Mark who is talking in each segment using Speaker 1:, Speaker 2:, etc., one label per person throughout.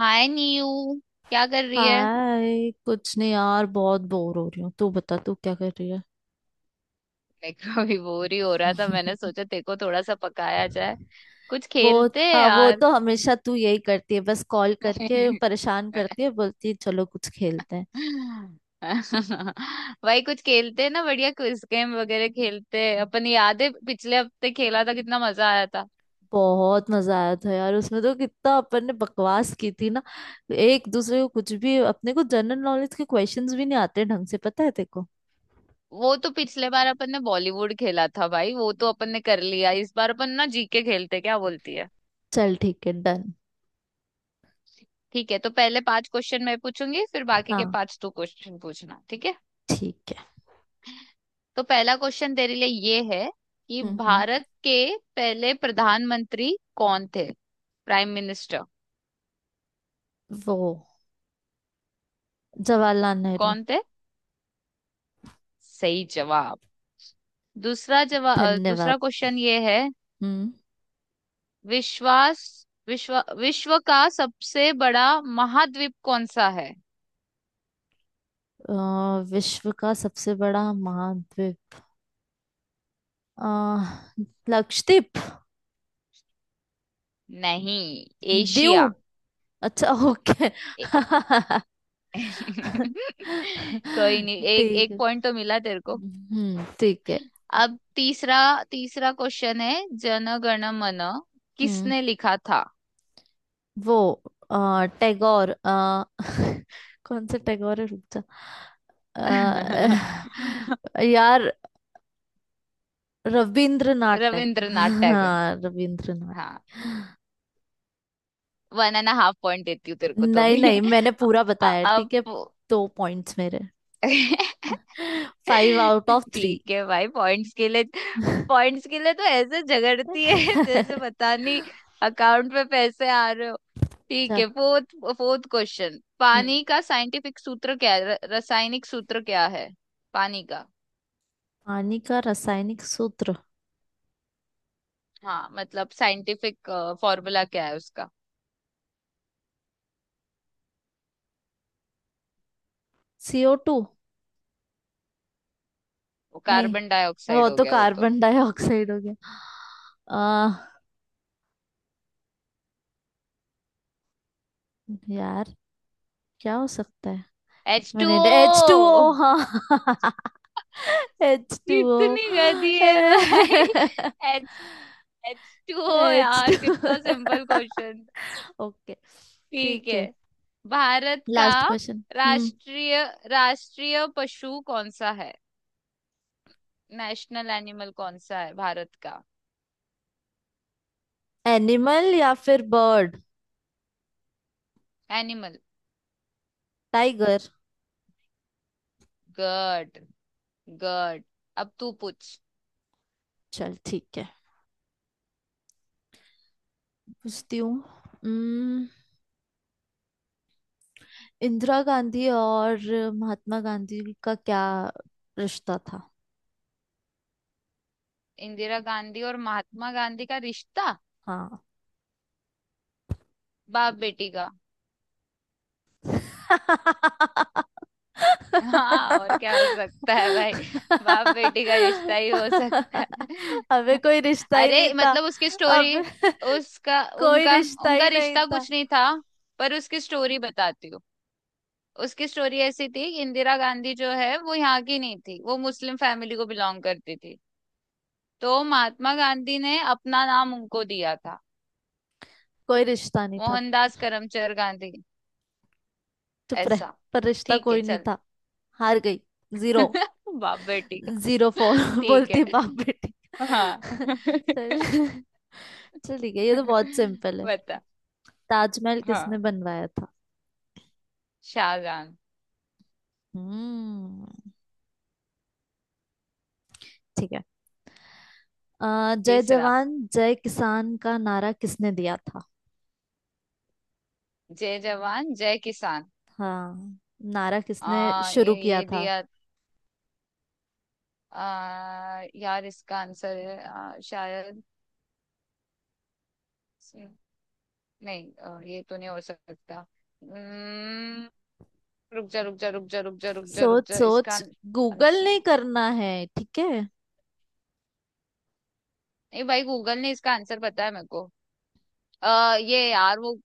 Speaker 1: हाय नीयू। क्या कर रही है?
Speaker 2: हाय कुछ नहीं यार, बहुत बोर हो रही हूँ। तू बता, तू क्या कर रही है?
Speaker 1: मैं अभी बोर ही हो रहा था। मैंने सोचा तेरे को थोड़ा सा पकाया जाए। कुछ
Speaker 2: वो
Speaker 1: खेलते हैं
Speaker 2: हाँ, वो
Speaker 1: यार।
Speaker 2: तो हमेशा तू यही करती है। बस कॉल करके परेशान करती है, बोलती है चलो कुछ खेलते हैं।
Speaker 1: भाई कुछ खेलते हैं ना। बढ़िया क्विज गेम वगैरह खेलते हैं अपन। याद है पिछले हफ्ते खेला था, कितना मजा आया था।
Speaker 2: बहुत मजा आया था यार, उसमें तो कितना अपन ने बकवास की थी ना। एक दूसरे को कुछ भी, अपने को जनरल नॉलेज के क्वेश्चंस भी नहीं आते ढंग से, पता है तेरे को।
Speaker 1: वो तो पिछले बार अपन ने बॉलीवुड खेला था भाई, वो तो अपन ने कर लिया। इस बार अपन ना जीके खेलते हैं, क्या बोलती है?
Speaker 2: चल ठीक है, डन।
Speaker 1: ठीक है, तो पहले पांच क्वेश्चन मैं पूछूंगी, फिर बाकी के
Speaker 2: हाँ,
Speaker 1: पांच तू क्वेश्चन पूछना, ठीक है?
Speaker 2: ठीक है।
Speaker 1: तो पहला क्वेश्चन तेरे लिए ये है कि
Speaker 2: हम्म।
Speaker 1: भारत के पहले प्रधानमंत्री कौन थे, प्राइम मिनिस्टर?
Speaker 2: वो जवाहरलाल नेहरू।
Speaker 1: कौन थे? सही जवाब।
Speaker 2: धन्यवाद।
Speaker 1: दूसरा क्वेश्चन ये है।
Speaker 2: हम्म।
Speaker 1: विश्वास विश्व का सबसे बड़ा महाद्वीप कौन सा है?
Speaker 2: अ, विश्व का सबसे बड़ा महाद्वीप अ, लक्षद्वीप।
Speaker 1: नहीं,
Speaker 2: दीव।
Speaker 1: एशिया।
Speaker 2: अच्छा, ओके।
Speaker 1: ए- कोई नहीं, एक
Speaker 2: ठीक
Speaker 1: एक
Speaker 2: है।
Speaker 1: पॉइंट तो मिला तेरे को।
Speaker 2: हम्म, ठीक है।
Speaker 1: अब तीसरा तीसरा क्वेश्चन है। जन गण मन
Speaker 2: हम्म।
Speaker 1: किसने लिखा था?
Speaker 2: वो टैगोर। कौन से टैगोर है, रुक जा। यार, रविंद्रनाथ टैगोर।
Speaker 1: रविंद्रनाथ टैगोर।
Speaker 2: हाँ, रविंद्रनाथ।
Speaker 1: हाँ, वन एंड हाफ पॉइंट देती हूँ तेरे को तो
Speaker 2: नहीं नहीं,
Speaker 1: अभी।
Speaker 2: मैंने पूरा बताया,
Speaker 1: अब।
Speaker 2: ठीक है। दो पॉइंट्स मेरे। Five out of three.
Speaker 1: ठीक है भाई, पॉइंट्स के लिए तो ऐसे झगड़ती है
Speaker 2: अच्छा।
Speaker 1: जैसे पता नहीं अकाउंट में पैसे आ रहे हो। ठीक है, फोर्थ फोर्थ क्वेश्चन।
Speaker 2: हम्म,
Speaker 1: पानी का साइंटिफिक सूत्र क्या है? रासायनिक सूत्र क्या है? पानी का।
Speaker 2: पानी का रासायनिक सूत्र
Speaker 1: हाँ, मतलब साइंटिफिक फॉर्मूला क्या है उसका?
Speaker 2: CO two.
Speaker 1: वो
Speaker 2: नहीं,
Speaker 1: कार्बन
Speaker 2: वो
Speaker 1: डाइऑक्साइड हो
Speaker 2: तो
Speaker 1: गया वो तो।
Speaker 2: कार्बन डाइऑक्साइड हो गया। आ, यार, क्या हो सकता है? एक
Speaker 1: H two
Speaker 2: minute, H two
Speaker 1: O,
Speaker 2: O. हाँ एच टू ओ।
Speaker 1: कितनी गंदी है भाई। H H two O
Speaker 2: H two.
Speaker 1: यार, कितना सिंपल क्वेश्चन।
Speaker 2: ओके,
Speaker 1: ठीक
Speaker 2: ठीक
Speaker 1: है।
Speaker 2: है।
Speaker 1: भारत का
Speaker 2: लास्ट क्वेश्चन। हम्म,
Speaker 1: राष्ट्रीय राष्ट्रीय पशु कौन सा है? नेशनल एनिमल कौन सा है भारत का?
Speaker 2: एनिमल या फिर बर्ड?
Speaker 1: एनिमल।
Speaker 2: टाइगर।
Speaker 1: गड, गड। अब तू पूछ।
Speaker 2: चल ठीक है, पूछती हूँ। इंदिरा गांधी और महात्मा गांधी का क्या रिश्ता था?
Speaker 1: इंदिरा गांधी और महात्मा गांधी का रिश्ता?
Speaker 2: हाँ।
Speaker 1: बाप बेटी का। हाँ, और क्या हो सकता है भाई, बाप बेटी का रिश्ता ही हो सकता है।
Speaker 2: अबे कोई रिश्ता ही नहीं
Speaker 1: अरे
Speaker 2: था।
Speaker 1: मतलब उसकी स्टोरी।
Speaker 2: अबे
Speaker 1: उसका
Speaker 2: कोई
Speaker 1: उनका
Speaker 2: रिश्ता ही
Speaker 1: उनका
Speaker 2: नहीं
Speaker 1: रिश्ता
Speaker 2: था।
Speaker 1: कुछ नहीं था। पर उसकी स्टोरी बताती हूँ। उसकी स्टोरी ऐसी थी कि इंदिरा गांधी जो है वो यहाँ की नहीं थी, वो मुस्लिम फैमिली को बिलोंग करती थी। तो महात्मा गांधी ने अपना नाम उनको दिया था,
Speaker 2: कोई रिश्ता नहीं था।
Speaker 1: मोहनदास करमचंद गांधी।
Speaker 2: चुप रह।
Speaker 1: ऐसा।
Speaker 2: पर रिश्ता
Speaker 1: ठीक है,
Speaker 2: कोई नहीं
Speaker 1: चल।
Speaker 2: था। हार गई। जीरो।
Speaker 1: बाप बेटी का।
Speaker 2: Zero four.
Speaker 1: ठीक है।
Speaker 2: बोलती बाप बेटी।
Speaker 1: हाँ
Speaker 2: चल, चल ठीक है, ये तो बहुत सिंपल है।
Speaker 1: बता।
Speaker 2: ताजमहल किसने
Speaker 1: हाँ,
Speaker 2: बनवाया था?
Speaker 1: शाहजहां।
Speaker 2: हम्म, ठीक है। अ, जय
Speaker 1: तीसरा।
Speaker 2: जवान जय किसान का नारा किसने दिया था?
Speaker 1: जय जवान जय किसान।
Speaker 2: हाँ, नारा किसने
Speaker 1: आ ये,
Speaker 2: शुरू किया
Speaker 1: ये
Speaker 2: था?
Speaker 1: दिया। यार, इसका आंसर है। शायद नहीं। ये तो नहीं हो सकता। उम्म, रुक जा रुक जा रुक जा रुक जा रुक जा रुक
Speaker 2: सोच
Speaker 1: जा, इसका
Speaker 2: सोच, गूगल
Speaker 1: आंसर।
Speaker 2: नहीं करना है, ठीक है।
Speaker 1: नहीं भाई, गूगल ने इसका आंसर बताया मेरे को। ये यार वो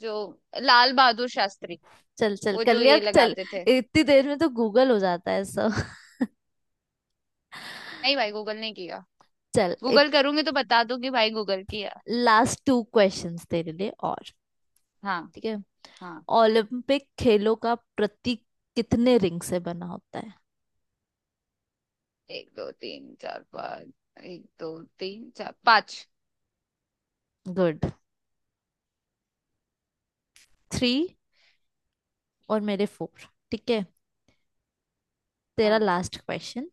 Speaker 1: जो लाल बहादुर शास्त्री।
Speaker 2: चल चल,
Speaker 1: वो
Speaker 2: कर
Speaker 1: जो
Speaker 2: लिया
Speaker 1: ये
Speaker 2: चल,
Speaker 1: लगाते थे।
Speaker 2: इतनी देर में तो गूगल हो जाता है सब।
Speaker 1: नहीं भाई, गूगल नहीं किया।
Speaker 2: चल, एक
Speaker 1: गूगल करूंगी तो बता दूंगी भाई, गूगल किया।
Speaker 2: लास्ट टू क्वेश्चंस तेरे लिए और,
Speaker 1: हाँ
Speaker 2: ठीक है।
Speaker 1: हाँ।
Speaker 2: ओलंपिक खेलों का प्रतीक कितने रिंग से बना होता है?
Speaker 1: एक दो तीन चार पाँच, एक दो तीन चार पाँच।
Speaker 2: गुड। थ्री और मेरे फोर, ठीक है। तेरा
Speaker 1: हम्म,
Speaker 2: लास्ट क्वेश्चन।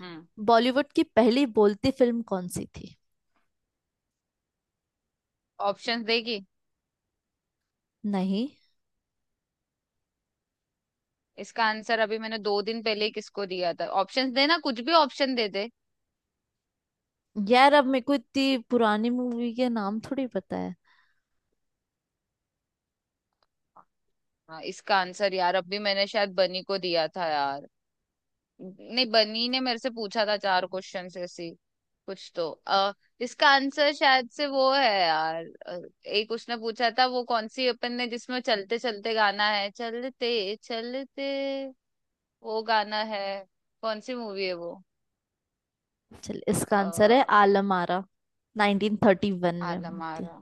Speaker 1: हम्म।
Speaker 2: बॉलीवुड की पहली बोलती फिल्म कौन सी थी?
Speaker 1: ऑप्शंस देगी?
Speaker 2: नहीं
Speaker 1: इसका आंसर अभी मैंने 2 दिन पहले ही किसको दिया था। ऑप्शंस देना, कुछ भी ऑप्शन दे दे।
Speaker 2: यार, अब मेरे को इतनी पुरानी मूवी के नाम थोड़ी पता है।
Speaker 1: हाँ, इसका आंसर यार अभी मैंने शायद बनी को दिया था यार। नहीं, बनी ने मेरे से पूछा था चार क्वेश्चन ऐसी। कुछ तो इसका आंसर शायद से वो है यार। एक उसने पूछा था, वो कौन सी अपन ने जिसमें चलते चलते गाना है। चलते चलते वो गाना है, कौन सी मूवी है वो?
Speaker 2: चल, इसका
Speaker 1: अ,
Speaker 2: आंसर है आलम आरा, 1931 में
Speaker 1: आलम
Speaker 2: हुई थी।
Speaker 1: आरा।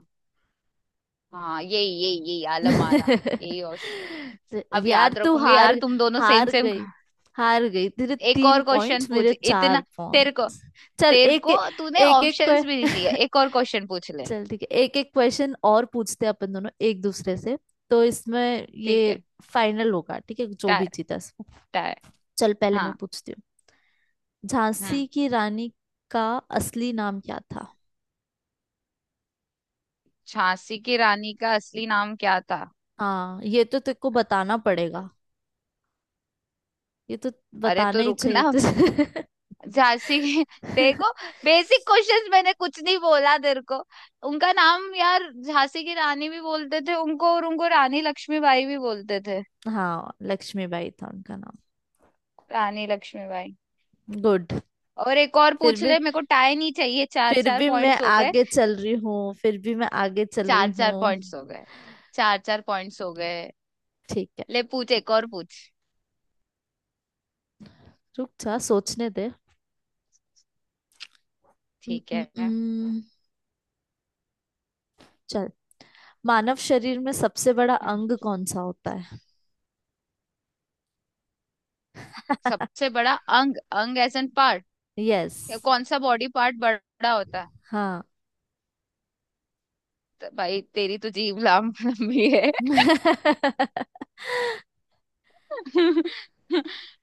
Speaker 1: हाँ यही यही यही, आलम आरा। यही ऑप्शन।
Speaker 2: तो
Speaker 1: अब
Speaker 2: यार,
Speaker 1: याद
Speaker 2: तू
Speaker 1: रखूंगी
Speaker 2: हार।
Speaker 1: यार, तुम दोनों सेम
Speaker 2: हार
Speaker 1: सेम।
Speaker 2: गई, हार गई। तेरे
Speaker 1: एक
Speaker 2: तीन
Speaker 1: और क्वेश्चन
Speaker 2: पॉइंट्स, मेरे
Speaker 1: पूछ इतना।
Speaker 2: चार
Speaker 1: तेरे को
Speaker 2: पॉइंट्स। चल
Speaker 1: तेरे
Speaker 2: एक
Speaker 1: को
Speaker 2: एक।
Speaker 1: तूने
Speaker 2: एक, एक
Speaker 1: ऑप्शंस भी
Speaker 2: को।
Speaker 1: नहीं दिया, एक और क्वेश्चन पूछ ले।
Speaker 2: चल ठीक है, एक एक क्वेश्चन और पूछते हैं अपन दोनों एक दूसरे से। तो इसमें
Speaker 1: ठीक
Speaker 2: ये
Speaker 1: है।
Speaker 2: फाइनल होगा, ठीक है, जो
Speaker 1: टै
Speaker 2: भी जीता इसको।
Speaker 1: टै
Speaker 2: चल, पहले
Speaker 1: हाँ।
Speaker 2: मैं पूछती हूँ। झांसी
Speaker 1: हम्म,
Speaker 2: की रानी का असली नाम क्या था?
Speaker 1: झांसी की रानी का असली नाम क्या था?
Speaker 2: हाँ, ये तो तेरे को बताना
Speaker 1: ठीक है।
Speaker 2: पड़ेगा। ये तो
Speaker 1: अरे तो
Speaker 2: बताना ही चाहिए
Speaker 1: रुकना।
Speaker 2: तुझे।
Speaker 1: झांसी की देखो, बेसिक क्वेश्चंस मैंने कुछ नहीं बोला तेरे को। उनका नाम यार, झांसी की रानी भी बोलते थे उनको, और उनको रानी लक्ष्मीबाई भी बोलते थे।
Speaker 2: हाँ, लक्ष्मीबाई था उनका नाम।
Speaker 1: रानी लक्ष्मीबाई।
Speaker 2: गुड।
Speaker 1: और एक और
Speaker 2: फिर
Speaker 1: पूछ
Speaker 2: भी,
Speaker 1: ले, मेरे को टाई नहीं चाहिए। चार
Speaker 2: फिर
Speaker 1: चार
Speaker 2: भी मैं
Speaker 1: पॉइंट्स हो गए।
Speaker 2: आगे चल रही हूँ, फिर भी मैं आगे चल रही
Speaker 1: चार चार
Speaker 2: हूँ।
Speaker 1: पॉइंट्स हो गए। चार चार पॉइंट्स हो गए।
Speaker 2: ठीक है,
Speaker 1: ले पूछ, एक और पूछ।
Speaker 2: रुक जा, सोचने दे। उम,
Speaker 1: ठीक
Speaker 2: उम,
Speaker 1: है।
Speaker 2: उम, चल, मानव शरीर में सबसे बड़ा
Speaker 1: हम्म,
Speaker 2: अंग कौन सा होता है?
Speaker 1: सबसे बड़ा अंग। अंग एज एन पार्ट,
Speaker 2: यस।
Speaker 1: या कौन सा बॉडी पार्ट बड़ा होता है?
Speaker 2: हाँ।
Speaker 1: तो भाई, तेरी तो जीभ लंबी है।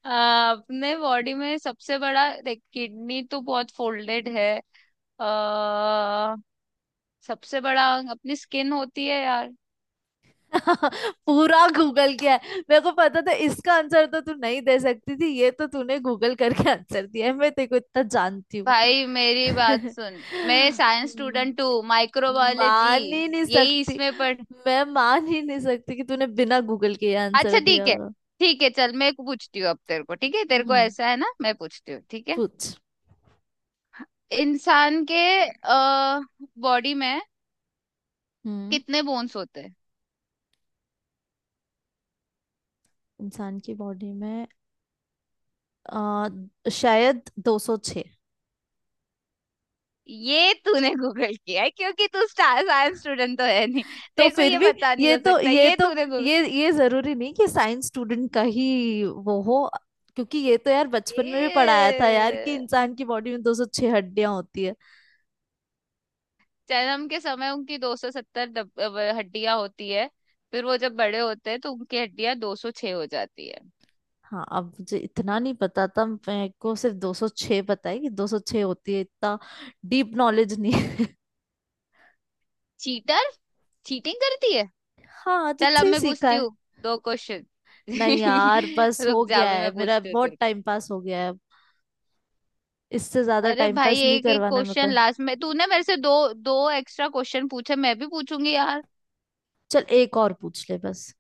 Speaker 1: अपने बॉडी में सबसे बड़ा देख, किडनी तो बहुत फोल्डेड है। आ, सबसे बड़ा अंग अपनी स्किन होती है यार।
Speaker 2: पूरा गूगल किया है, मेरे को पता था इसका आंसर तो तू नहीं दे सकती थी। ये तो तूने गूगल करके आंसर दिया है, मैं तेरे को इतना जानती हूँ।
Speaker 1: भाई मेरी बात सुन, मैं साइंस
Speaker 2: हम्म,
Speaker 1: स्टूडेंट हूँ। माइक्रोबायोलॉजी,
Speaker 2: मान ही नहीं
Speaker 1: यही
Speaker 2: सकती।
Speaker 1: इसमें पढ़।
Speaker 2: मैं मान ही नहीं सकती कि तूने बिना गूगल के ये
Speaker 1: अच्छा।
Speaker 2: आंसर दिया
Speaker 1: ठीक है।
Speaker 2: होगा।
Speaker 1: ठीक है चल, मैं पूछती हूँ अब तेरे को, ठीक है? तेरे को
Speaker 2: हम्म,
Speaker 1: ऐसा है ना, मैं पूछती हूँ, ठीक है?
Speaker 2: पूछ।
Speaker 1: इंसान के बॉडी में
Speaker 2: हम्म,
Speaker 1: कितने बोन्स होते हैं?
Speaker 2: इंसान की बॉडी में आ, शायद 206।
Speaker 1: ये तूने गूगल किया है, क्योंकि तू साइंस स्टूडेंट तो है नहीं।
Speaker 2: तो
Speaker 1: देखो,
Speaker 2: फिर
Speaker 1: ये
Speaker 2: भी,
Speaker 1: पता नहीं
Speaker 2: ये
Speaker 1: हो
Speaker 2: तो
Speaker 1: सकता,
Speaker 2: ये
Speaker 1: ये
Speaker 2: तो
Speaker 1: तूने गूगल।
Speaker 2: ये ये जरूरी नहीं कि साइंस स्टूडेंट का ही वो हो, क्योंकि ये तो यार, बचपन में भी पढ़ाया था यार, कि
Speaker 1: ये,
Speaker 2: इंसान की बॉडी में 206 हड्डियां होती है।
Speaker 1: जन्म के समय उनकी 270 हड्डियां होती है। फिर वो जब बड़े होते हैं तो उनकी हड्डियां 206 हो जाती है।
Speaker 2: हाँ, अब मुझे इतना नहीं पता था, मेरे को सिर्फ 206 पता है कि 206 होती है, इतना डीप नॉलेज नहीं है।
Speaker 1: चीटर, चीटिंग करती है।
Speaker 2: हाँ,
Speaker 1: चल,
Speaker 2: तुझसे
Speaker 1: अब
Speaker 2: ही
Speaker 1: मैं
Speaker 2: सीखा
Speaker 1: पूछती
Speaker 2: है।
Speaker 1: हूँ दो क्वेश्चन।
Speaker 2: नहीं यार, बस हो
Speaker 1: रुक जा,
Speaker 2: गया
Speaker 1: अभी
Speaker 2: है,
Speaker 1: मैं
Speaker 2: मेरा
Speaker 1: पूछती हूँ तेरे।
Speaker 2: बहुत टाइम पास हो गया है अब, इससे ज्यादा
Speaker 1: अरे
Speaker 2: टाइम
Speaker 1: भाई,
Speaker 2: पास नहीं
Speaker 1: एक एक
Speaker 2: करवाना है मेरे
Speaker 1: क्वेश्चन
Speaker 2: को।
Speaker 1: लास्ट में तूने मेरे से दो दो एक्स्ट्रा क्वेश्चन पूछे, मैं भी पूछूंगी यार।
Speaker 2: चल, एक और पूछ ले बस।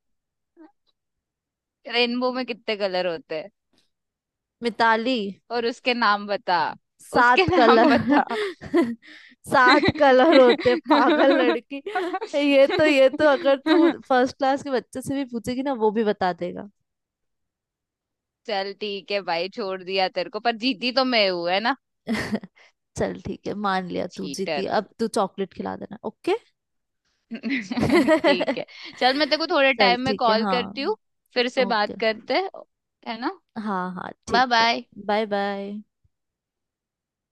Speaker 1: रेनबो में कितने कलर होते हैं,
Speaker 2: मिताली,
Speaker 1: और उसके नाम बता। उसके
Speaker 2: 7 कलर।
Speaker 1: नाम बता।
Speaker 2: 7 कलर होते पागल लड़की। ये तो, ये तो अगर तू फर्स्ट क्लास के बच्चे से भी पूछेगी ना, वो भी बता देगा।
Speaker 1: चल ठीक है भाई, छोड़ दिया तेरे को, पर जीती तो मैं हूं, है ना?
Speaker 2: चल ठीक है, मान लिया तू जीती,
Speaker 1: चीटर
Speaker 2: अब तू चॉकलेट खिला देना, ओके।
Speaker 1: ठीक है, चल मैं तेरे को थोड़े
Speaker 2: चल
Speaker 1: टाइम में
Speaker 2: ठीक है,
Speaker 1: कॉल
Speaker 2: हाँ।
Speaker 1: करती हूँ। फिर से बात
Speaker 2: ओके।
Speaker 1: करते हैं, है ना?
Speaker 2: हाँ हाँ,
Speaker 1: बाय
Speaker 2: ठीक है।
Speaker 1: बाय।
Speaker 2: Bye bye.